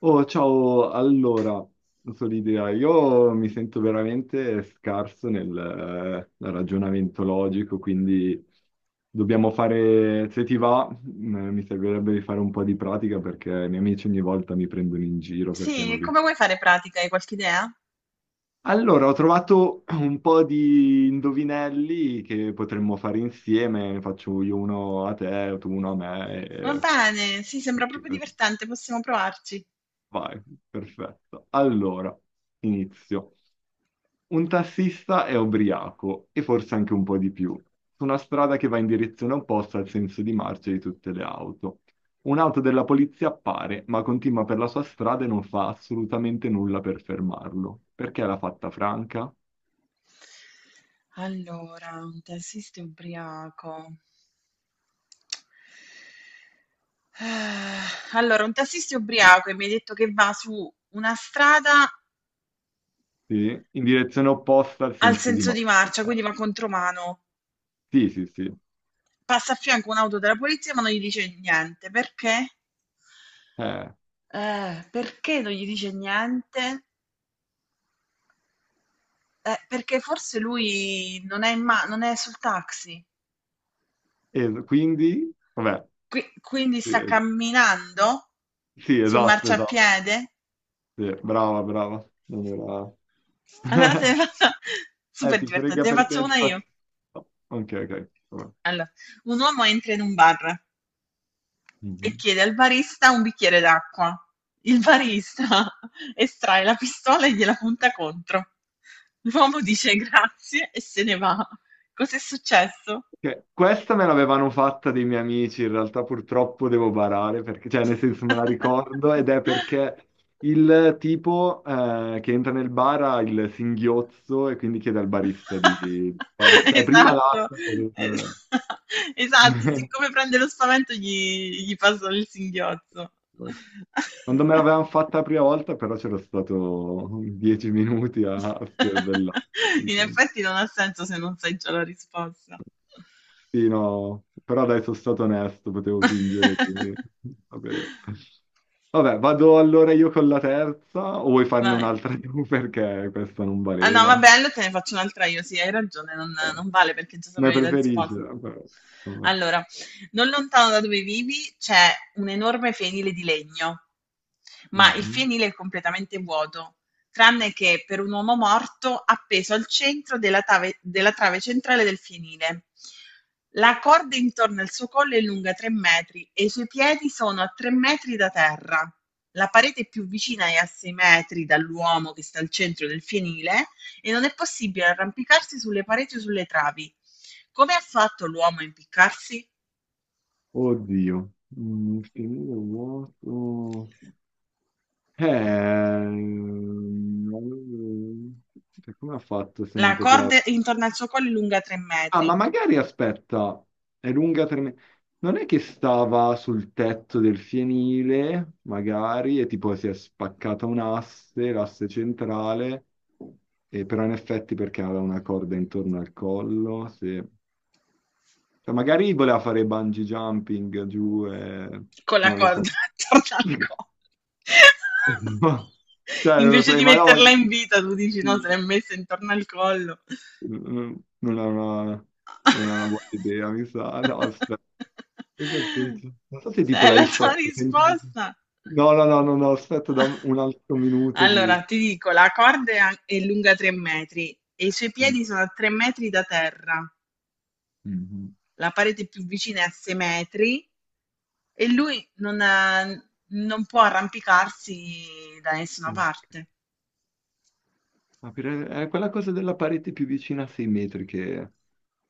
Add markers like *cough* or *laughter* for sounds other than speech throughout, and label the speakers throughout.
Speaker 1: Oh, ciao, allora, Solidia, io mi sento veramente scarso nel, nel ragionamento logico, quindi dobbiamo fare, se ti va, mi servirebbe di fare un po' di pratica perché i miei amici ogni volta mi prendono in giro perché
Speaker 2: Sì,
Speaker 1: non
Speaker 2: come
Speaker 1: riesco.
Speaker 2: vuoi fare pratica? Hai qualche idea?
Speaker 1: Allora, ho trovato un po' di indovinelli che potremmo fare insieme, ne faccio io uno a te, tu uno a me,
Speaker 2: Va
Speaker 1: e...
Speaker 2: bene, sì, sembra
Speaker 1: così,
Speaker 2: proprio
Speaker 1: così.
Speaker 2: divertente, possiamo provarci.
Speaker 1: Vai, perfetto. Allora, inizio. Un tassista è ubriaco e forse anche un po' di più, su una strada che va in direzione opposta al senso di marcia di tutte le auto. Un'auto della polizia appare, ma continua per la sua strada e non fa assolutamente nulla per fermarlo. Perché l'ha fatta franca?
Speaker 2: Allora, un tassista ubriaco. Ah, allora, un tassista ubriaco e mi hai detto che va su una strada
Speaker 1: Sì, in direzione opposta al
Speaker 2: al
Speaker 1: senso di
Speaker 2: senso di marcia, quindi
Speaker 1: marcia.
Speaker 2: va contromano.
Speaker 1: Sì, sì, sì.
Speaker 2: Passa a fianco un'auto della polizia, ma non gli dice niente. Perché?
Speaker 1: Eh,
Speaker 2: Perché non gli dice niente? Perché forse lui non è sul taxi.
Speaker 1: e quindi, vabbè,
Speaker 2: Qui quindi
Speaker 1: sì,
Speaker 2: sta
Speaker 1: es-
Speaker 2: camminando
Speaker 1: sì,
Speaker 2: sul
Speaker 1: esatto, esatto.
Speaker 2: marciapiede?
Speaker 1: Sì, brava, brava. Non era...
Speaker 2: Allora,
Speaker 1: *laughs*
Speaker 2: *laughs* super
Speaker 1: Ti
Speaker 2: divertente,
Speaker 1: frega
Speaker 2: te ne
Speaker 1: perché
Speaker 2: faccio
Speaker 1: il
Speaker 2: una io.
Speaker 1: tasto... Ok, ok, vabbè.
Speaker 2: Allora, un uomo entra in un bar e
Speaker 1: Mhm.
Speaker 2: chiede al barista un bicchiere d'acqua. Il barista *laughs* estrae la pistola e gliela punta contro. L'uomo dice grazie e se ne va. Cos'è successo?
Speaker 1: Ok, questa me l'avevano fatta dei miei amici, in realtà purtroppo devo barare, perché, cioè nel senso me la ricordo ed è
Speaker 2: *laughs*
Speaker 1: perché il tipo che entra nel bar ha il singhiozzo e quindi chiede al barista di...
Speaker 2: *laughs*
Speaker 1: Cioè prima
Speaker 2: Esatto,
Speaker 1: l'acqua...
Speaker 2: esa *laughs* esatto,
Speaker 1: *laughs*
Speaker 2: siccome prende lo spavento gli passa il singhiozzo.
Speaker 1: Quando me l'avevano fatta la prima volta però c'ero stato 10 minuti a scervellare.
Speaker 2: *laughs* In effetti non ha senso se non sai già la risposta.
Speaker 1: Sì, no, però dai, sono stato onesto, potevo fingere. Quindi,
Speaker 2: *laughs*
Speaker 1: vabbè. Vabbè, vado allora io con la terza, o vuoi farne
Speaker 2: Vai.
Speaker 1: un'altra tu *laughs* perché questa non
Speaker 2: Ah no,
Speaker 1: valeva?
Speaker 2: vabbè, allora te ne faccio un'altra io, sì, hai ragione, non,
Speaker 1: Eh,
Speaker 2: non vale perché già
Speaker 1: Come
Speaker 2: sapevi la
Speaker 1: preferisci?
Speaker 2: risposta.
Speaker 1: Vabbè.
Speaker 2: Allora, non lontano da dove vivi c'è un enorme fienile di legno, ma il
Speaker 1: Mhm.
Speaker 2: fienile è completamente vuoto, tranne che per un uomo morto appeso al centro della trave centrale del fienile. La corda intorno al suo collo è lunga 3 metri e i suoi piedi sono a 3 metri da terra. La parete più vicina è a 6 metri dall'uomo che sta al centro del fienile e non è possibile arrampicarsi sulle pareti o sulle travi. Come ha fatto l'uomo a impiccarsi?
Speaker 1: Oddio, finire vuoto. Eh, cioè, come ha fatto se non
Speaker 2: La
Speaker 1: poteva?
Speaker 2: corda intorno al suo collo è lunga tre
Speaker 1: Ah, ma
Speaker 2: metri.
Speaker 1: magari aspetta, è lunga tre me- non è che stava sul tetto del fienile, magari, e tipo si è spaccata un'asse, l'asse centrale, e però in effetti perché aveva una corda intorno al collo, sì. Cioè, magari voleva fare bungee jumping giù e...
Speaker 2: Con la
Speaker 1: non lo so.
Speaker 2: corda *laughs* intorno al collo.
Speaker 1: *laughs*
Speaker 2: *laughs*
Speaker 1: No. Cioè, non lo
Speaker 2: Invece
Speaker 1: sai,
Speaker 2: di
Speaker 1: ma no,
Speaker 2: metterla
Speaker 1: ma-
Speaker 2: in vita, tu dici no, se l'è messa intorno al collo.
Speaker 1: Mm, non è una, non è una buona idea, mi sa. No, aspetta, pensa al
Speaker 2: *laughs*
Speaker 1: senso. Non so se
Speaker 2: Se
Speaker 1: tipo
Speaker 2: è
Speaker 1: la
Speaker 2: la tua
Speaker 1: risposta.
Speaker 2: risposta.
Speaker 1: No, no, no, no, no, aspetta, da
Speaker 2: *laughs*
Speaker 1: un altro minuto di...
Speaker 2: Allora, ti dico, la corda è lunga 3 metri e i suoi
Speaker 1: Mm,
Speaker 2: piedi sono a 3 metri da terra.
Speaker 1: mm,
Speaker 2: La parete più vicina è a 6 metri e lui non può arrampicarsi da nessuna
Speaker 1: mm.
Speaker 2: parte.
Speaker 1: È quella cosa della parete più vicina a 6 metri che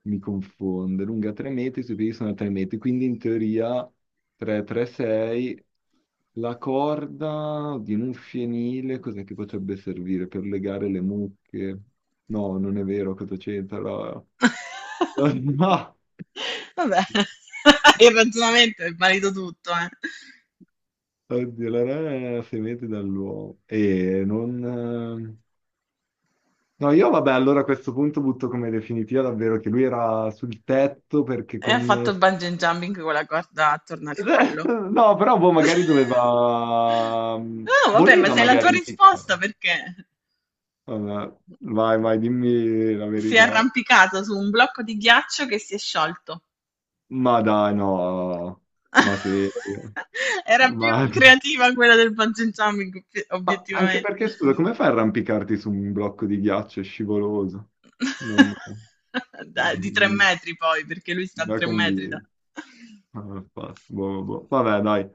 Speaker 1: mi confonde. Lunga 3 metri, sui piedi sono 3 metri, quindi in teoria 3, 3, 6. La corda di un fienile, cos'è che potrebbe servire per legare le mucche? No, non è vero, cosa c'entra? *laughs*
Speaker 2: *laughs*
Speaker 1: No!
Speaker 2: Vabbè, *laughs* il ragionamento è valido tutto, eh.
Speaker 1: Oddio, la rana è a 6 metri dall'uomo. E non... No, io vabbè, allora a questo punto butto come definitiva davvero che lui era sul tetto perché
Speaker 2: E ha fatto
Speaker 1: con...
Speaker 2: il
Speaker 1: *laughs*
Speaker 2: bungee jumping con la corda attorno al collo.
Speaker 1: No, però boh, magari
Speaker 2: *laughs*
Speaker 1: doveva...
Speaker 2: No, vabbè, ma
Speaker 1: voleva
Speaker 2: sei la
Speaker 1: magari
Speaker 2: tua
Speaker 1: impiccare.
Speaker 2: risposta perché?
Speaker 1: Vabbè, vai, vai, dimmi la
Speaker 2: Si è
Speaker 1: verità.
Speaker 2: arrampicato su un blocco di ghiaccio che si è sciolto.
Speaker 1: Ma dai, no. Ma sì.
Speaker 2: *laughs* Era più
Speaker 1: Ma... *laughs*
Speaker 2: creativa quella del bungee jumping,
Speaker 1: ma anche
Speaker 2: obiettivamente.
Speaker 1: perché, scusa, come fai a arrampicarti su un blocco di ghiaccio scivoloso? Non...
Speaker 2: *laughs* Dai, di tre
Speaker 1: Non
Speaker 2: metri poi, perché lui sta a
Speaker 1: mi ha
Speaker 2: 3 metri da...
Speaker 1: convinto. Ah, boh, boh, boh. Vabbè, dai,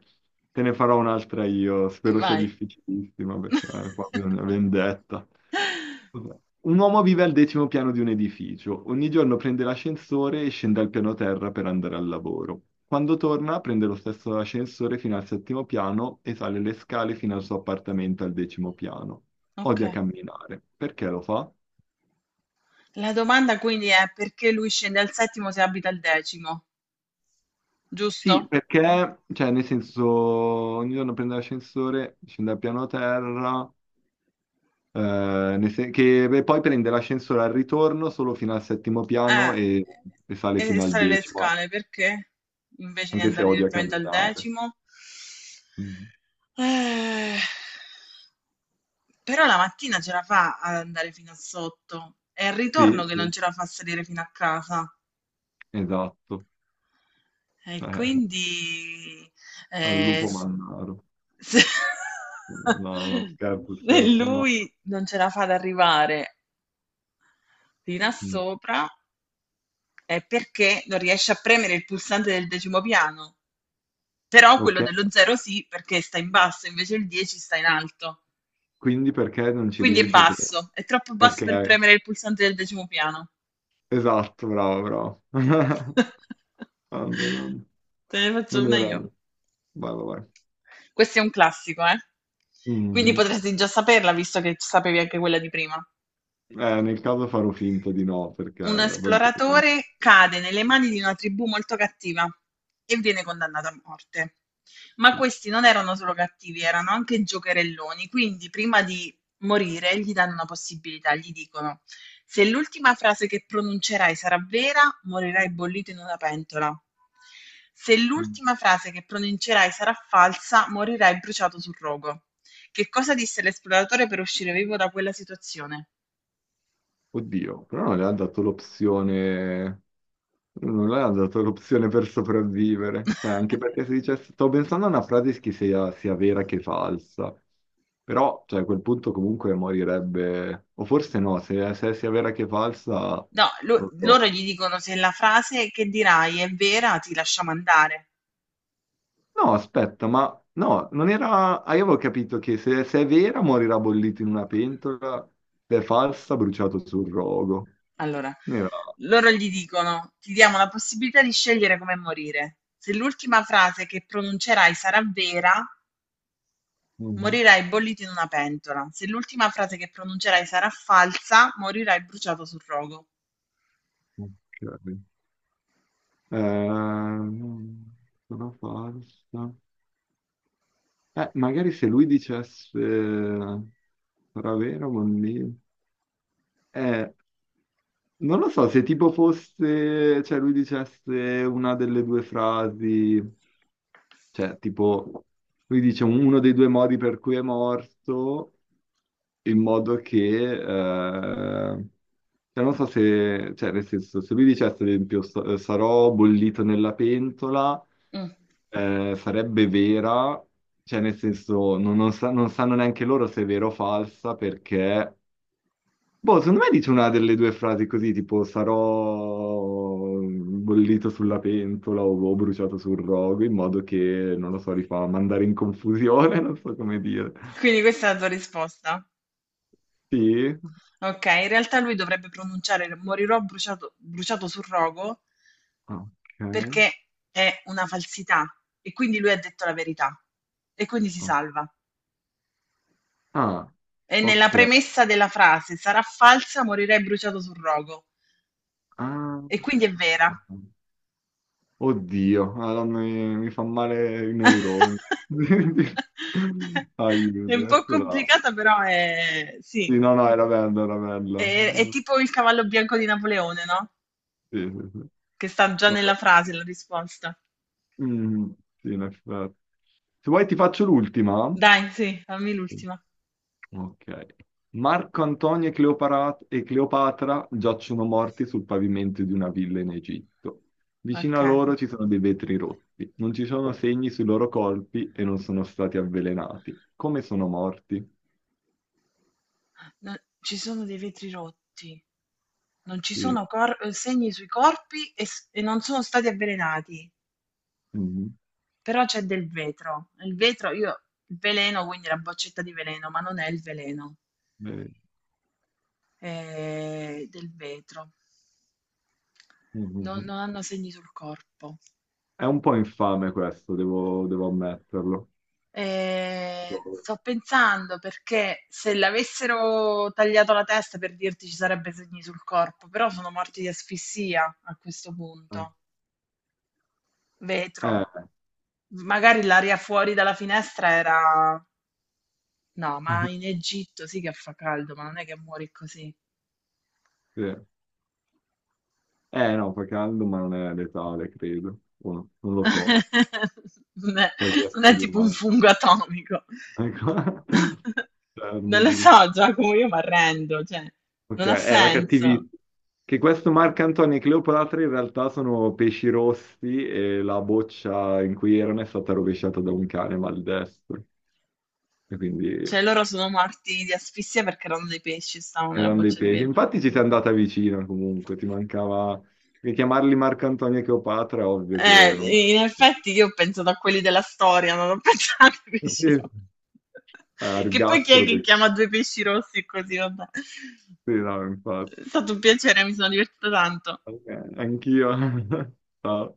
Speaker 1: te ne farò un'altra io. Spero sia
Speaker 2: Vai.
Speaker 1: difficilissima perché qua
Speaker 2: *laughs*
Speaker 1: bisogna vendetta. Vabbè. Un uomo vive al 10º piano di un edificio. Ogni giorno prende l'ascensore e scende al piano terra per andare al lavoro. Quando torna, prende lo stesso ascensore fino al 7º piano e sale le scale fino al suo appartamento al 10º piano.
Speaker 2: Ok.
Speaker 1: Odia camminare. Perché lo fa?
Speaker 2: La domanda quindi è perché lui scende al settimo se abita al decimo,
Speaker 1: Sì,
Speaker 2: giusto?
Speaker 1: perché, cioè, nel senso, ogni giorno prende l'ascensore, scende al piano terra. Eh, che beh, poi prende l'ascensore al ritorno solo fino al 7º piano
Speaker 2: Eh,
Speaker 1: e sale
Speaker 2: e
Speaker 1: fino al
Speaker 2: sale le
Speaker 1: decimo,
Speaker 2: scale perché? Invece di
Speaker 1: anche se
Speaker 2: andare
Speaker 1: odia
Speaker 2: direttamente al
Speaker 1: camminare.
Speaker 2: decimo.
Speaker 1: Mm.
Speaker 2: Eh, però la mattina ce la fa ad andare fino a sotto. È il
Speaker 1: Sì,
Speaker 2: ritorno che non
Speaker 1: sì,
Speaker 2: ce la fa a salire fino a casa.
Speaker 1: esatto.
Speaker 2: E
Speaker 1: Eh,
Speaker 2: quindi
Speaker 1: al lupo
Speaker 2: s-
Speaker 1: mannaro.
Speaker 2: se,
Speaker 1: No, no,
Speaker 2: *laughs*
Speaker 1: scherzo,
Speaker 2: se
Speaker 1: scherzo, no.
Speaker 2: lui non ce la fa ad arrivare fino a
Speaker 1: Mm.
Speaker 2: sopra, è perché non riesce a premere il pulsante del decimo piano. Però
Speaker 1: Ok,
Speaker 2: quello dello 0 sì, perché sta in basso, invece il 10 sta in alto.
Speaker 1: quindi perché non ci
Speaker 2: Quindi è
Speaker 1: riesce? Perché-
Speaker 2: basso, è troppo basso per
Speaker 1: ok,
Speaker 2: premere il pulsante del decimo piano.
Speaker 1: esatto, bravo, bravo. *laughs*
Speaker 2: *laughs*
Speaker 1: Grande, grande.
Speaker 2: Te ne faccio
Speaker 1: Non
Speaker 2: una
Speaker 1: era...
Speaker 2: io.
Speaker 1: Vai, vai, vai.
Speaker 2: Questo è un classico, eh? Quindi
Speaker 1: Mhm.
Speaker 2: potresti già saperla, visto che sapevi anche quella di prima.
Speaker 1: Nel caso farò finta di no, perché
Speaker 2: Un
Speaker 1: voglio...
Speaker 2: esploratore cade nelle mani di una tribù molto cattiva e viene condannato a morte. Ma questi non erano solo cattivi, erano anche giocherelloni, quindi prima di morire gli danno una possibilità, gli dicono se l'ultima frase che pronuncerai sarà vera, morirai bollito in una pentola. Se l'ultima frase che pronuncerai sarà falsa, morirai bruciato sul rogo. Che cosa disse l'esploratore per uscire vivo da quella situazione?
Speaker 1: Oddio, però non le ha dato l'opzione, non le ha dato l'opzione per sopravvivere, cioè anche
Speaker 2: *laughs*
Speaker 1: perché se dicesse, stavo pensando a una frase che sia, sia vera che falsa, però cioè, a quel punto comunque morirebbe, o forse no, se, se sia vera che falsa, non
Speaker 2: No,
Speaker 1: lo so.
Speaker 2: loro gli dicono se la frase che dirai è vera, ti lasciamo andare.
Speaker 1: No, aspetta, ma no, non era, ah, io avevo capito che se, se è vera morirà bollito in una pentola, se è falsa bruciato sul rogo,
Speaker 2: Allora,
Speaker 1: non era...
Speaker 2: loro gli dicono, ti diamo la possibilità di scegliere come morire. Se l'ultima frase che pronuncerai sarà vera,
Speaker 1: Mhm.
Speaker 2: morirai bollito in una pentola. Se l'ultima frase che pronuncerai sarà falsa, morirai bruciato sul rogo.
Speaker 1: Ok. Ehm, sono falsa. Magari se lui dicesse sarà vero, bambino. Eh, non lo so, se tipo fosse, cioè lui dicesse una delle due frasi, cioè tipo, lui dice uno dei due modi per cui è morto, in modo che, cioè, non so se, cioè, nel senso, se lui dicesse, ad esempio, sarò bollito nella pentola,
Speaker 2: Mm.
Speaker 1: sarebbe vera, cioè, nel senso, non, non sanno neanche loro se è vera o falsa, perché, boh, secondo me dice una delle due frasi così, tipo, sarò bollito sulla pentola o bruciato sul rogo, in modo che, non lo so, li fa mandare in confusione, *laughs* non so come dire.
Speaker 2: Quindi questa è la tua risposta?
Speaker 1: Sì,
Speaker 2: Ok, in realtà lui dovrebbe pronunciare morirò bruciato, bruciato sul rogo
Speaker 1: ok.
Speaker 2: perché è una falsità e quindi lui ha detto la verità e quindi si
Speaker 1: ok.
Speaker 2: salva.
Speaker 1: Ah,
Speaker 2: E nella
Speaker 1: ok.
Speaker 2: premessa della frase sarà falsa, morirei bruciato sul rogo
Speaker 1: Ah,
Speaker 2: e quindi è vera.
Speaker 1: oddio, Madonna, mi fa male i neuroni.
Speaker 2: *laughs*
Speaker 1: *laughs* Aiuto,
Speaker 2: È un po'
Speaker 1: questa era...
Speaker 2: complicata, però è sì,
Speaker 1: Sì, no, no, era bella, era bella.
Speaker 2: è tipo il cavallo bianco di Napoleone, no?
Speaker 1: Sì, sì, sì.
Speaker 2: Che sta già
Speaker 1: Vabbè.
Speaker 2: nella frase la risposta.
Speaker 1: Mm, sì, in effetti. Se vuoi ti faccio l'ultima.
Speaker 2: Dai, sì, fammi l'ultima.
Speaker 1: Ok. Marco Antonio e Cleopatra giacciono morti sul pavimento di una villa in Egitto. Vicino
Speaker 2: Ok.
Speaker 1: a loro ci sono dei vetri rotti. Non ci sono segni sui loro colpi e non sono stati avvelenati. Come sono morti?
Speaker 2: No, ci sono dei vetri rotti, non ci
Speaker 1: Sì.
Speaker 2: sono cor segni sui corpi e non sono stati avvelenati,
Speaker 1: Mhm.
Speaker 2: però c'è del vetro. Il vetro io il veleno, quindi la boccetta di veleno, ma non è il veleno,
Speaker 1: Eh,
Speaker 2: è del vetro. Non
Speaker 1: mhm.
Speaker 2: non hanno segni sul corpo.
Speaker 1: È un po' infame questo, devo, devo ammetterlo.
Speaker 2: Sto pensando perché se l'avessero tagliato la testa, per dirti, ci sarebbe segni sul corpo, però sono morti di asfissia a questo punto. Vetro.
Speaker 1: Eh,
Speaker 2: Magari l'aria fuori dalla finestra era... No, ma in
Speaker 1: *laughs*
Speaker 2: Egitto sì che fa caldo, ma non è che muori così.
Speaker 1: sì. No, fa caldo, ma non è letale, credo. O no, non lo so,
Speaker 2: *laughs* Non è,
Speaker 1: per gli
Speaker 2: non è
Speaker 1: esseri
Speaker 2: tipo un
Speaker 1: umani.
Speaker 2: fungo atomico.
Speaker 1: Ecco. *laughs*
Speaker 2: *laughs* Non lo
Speaker 1: Chernobyl.
Speaker 2: so, Giacomo, io mi arrendo, cioè,
Speaker 1: Ok,
Speaker 2: non ha
Speaker 1: era
Speaker 2: senso.
Speaker 1: cattivissimo. Che questo Marco Antonio e Cleopatra in realtà sono pesci rossi e la boccia in cui erano è stata rovesciata da un cane maldestro. E quindi
Speaker 2: Cioè, loro sono morti di asfissia perché erano dei pesci, stavano nella
Speaker 1: erano dei
Speaker 2: boccia di
Speaker 1: pesci.
Speaker 2: vetro.
Speaker 1: Infatti ci sei andata vicino comunque, ti mancava... Perché chiamarli Marco Antonio e Cleopatra è ovvio che non...
Speaker 2: In effetti io ho pensato a quelli della storia, non ho *laughs* pensato ai
Speaker 1: *laughs*
Speaker 2: pesci
Speaker 1: Sì,
Speaker 2: rossi. Che poi chi è
Speaker 1: ergastolo,
Speaker 2: che
Speaker 1: perché...
Speaker 2: chiama due pesci rossi così, vabbè.
Speaker 1: sì, no, infatti.
Speaker 2: È stato un piacere, mi sono divertita tanto.
Speaker 1: Ok, anch'io. *laughs* Ciao.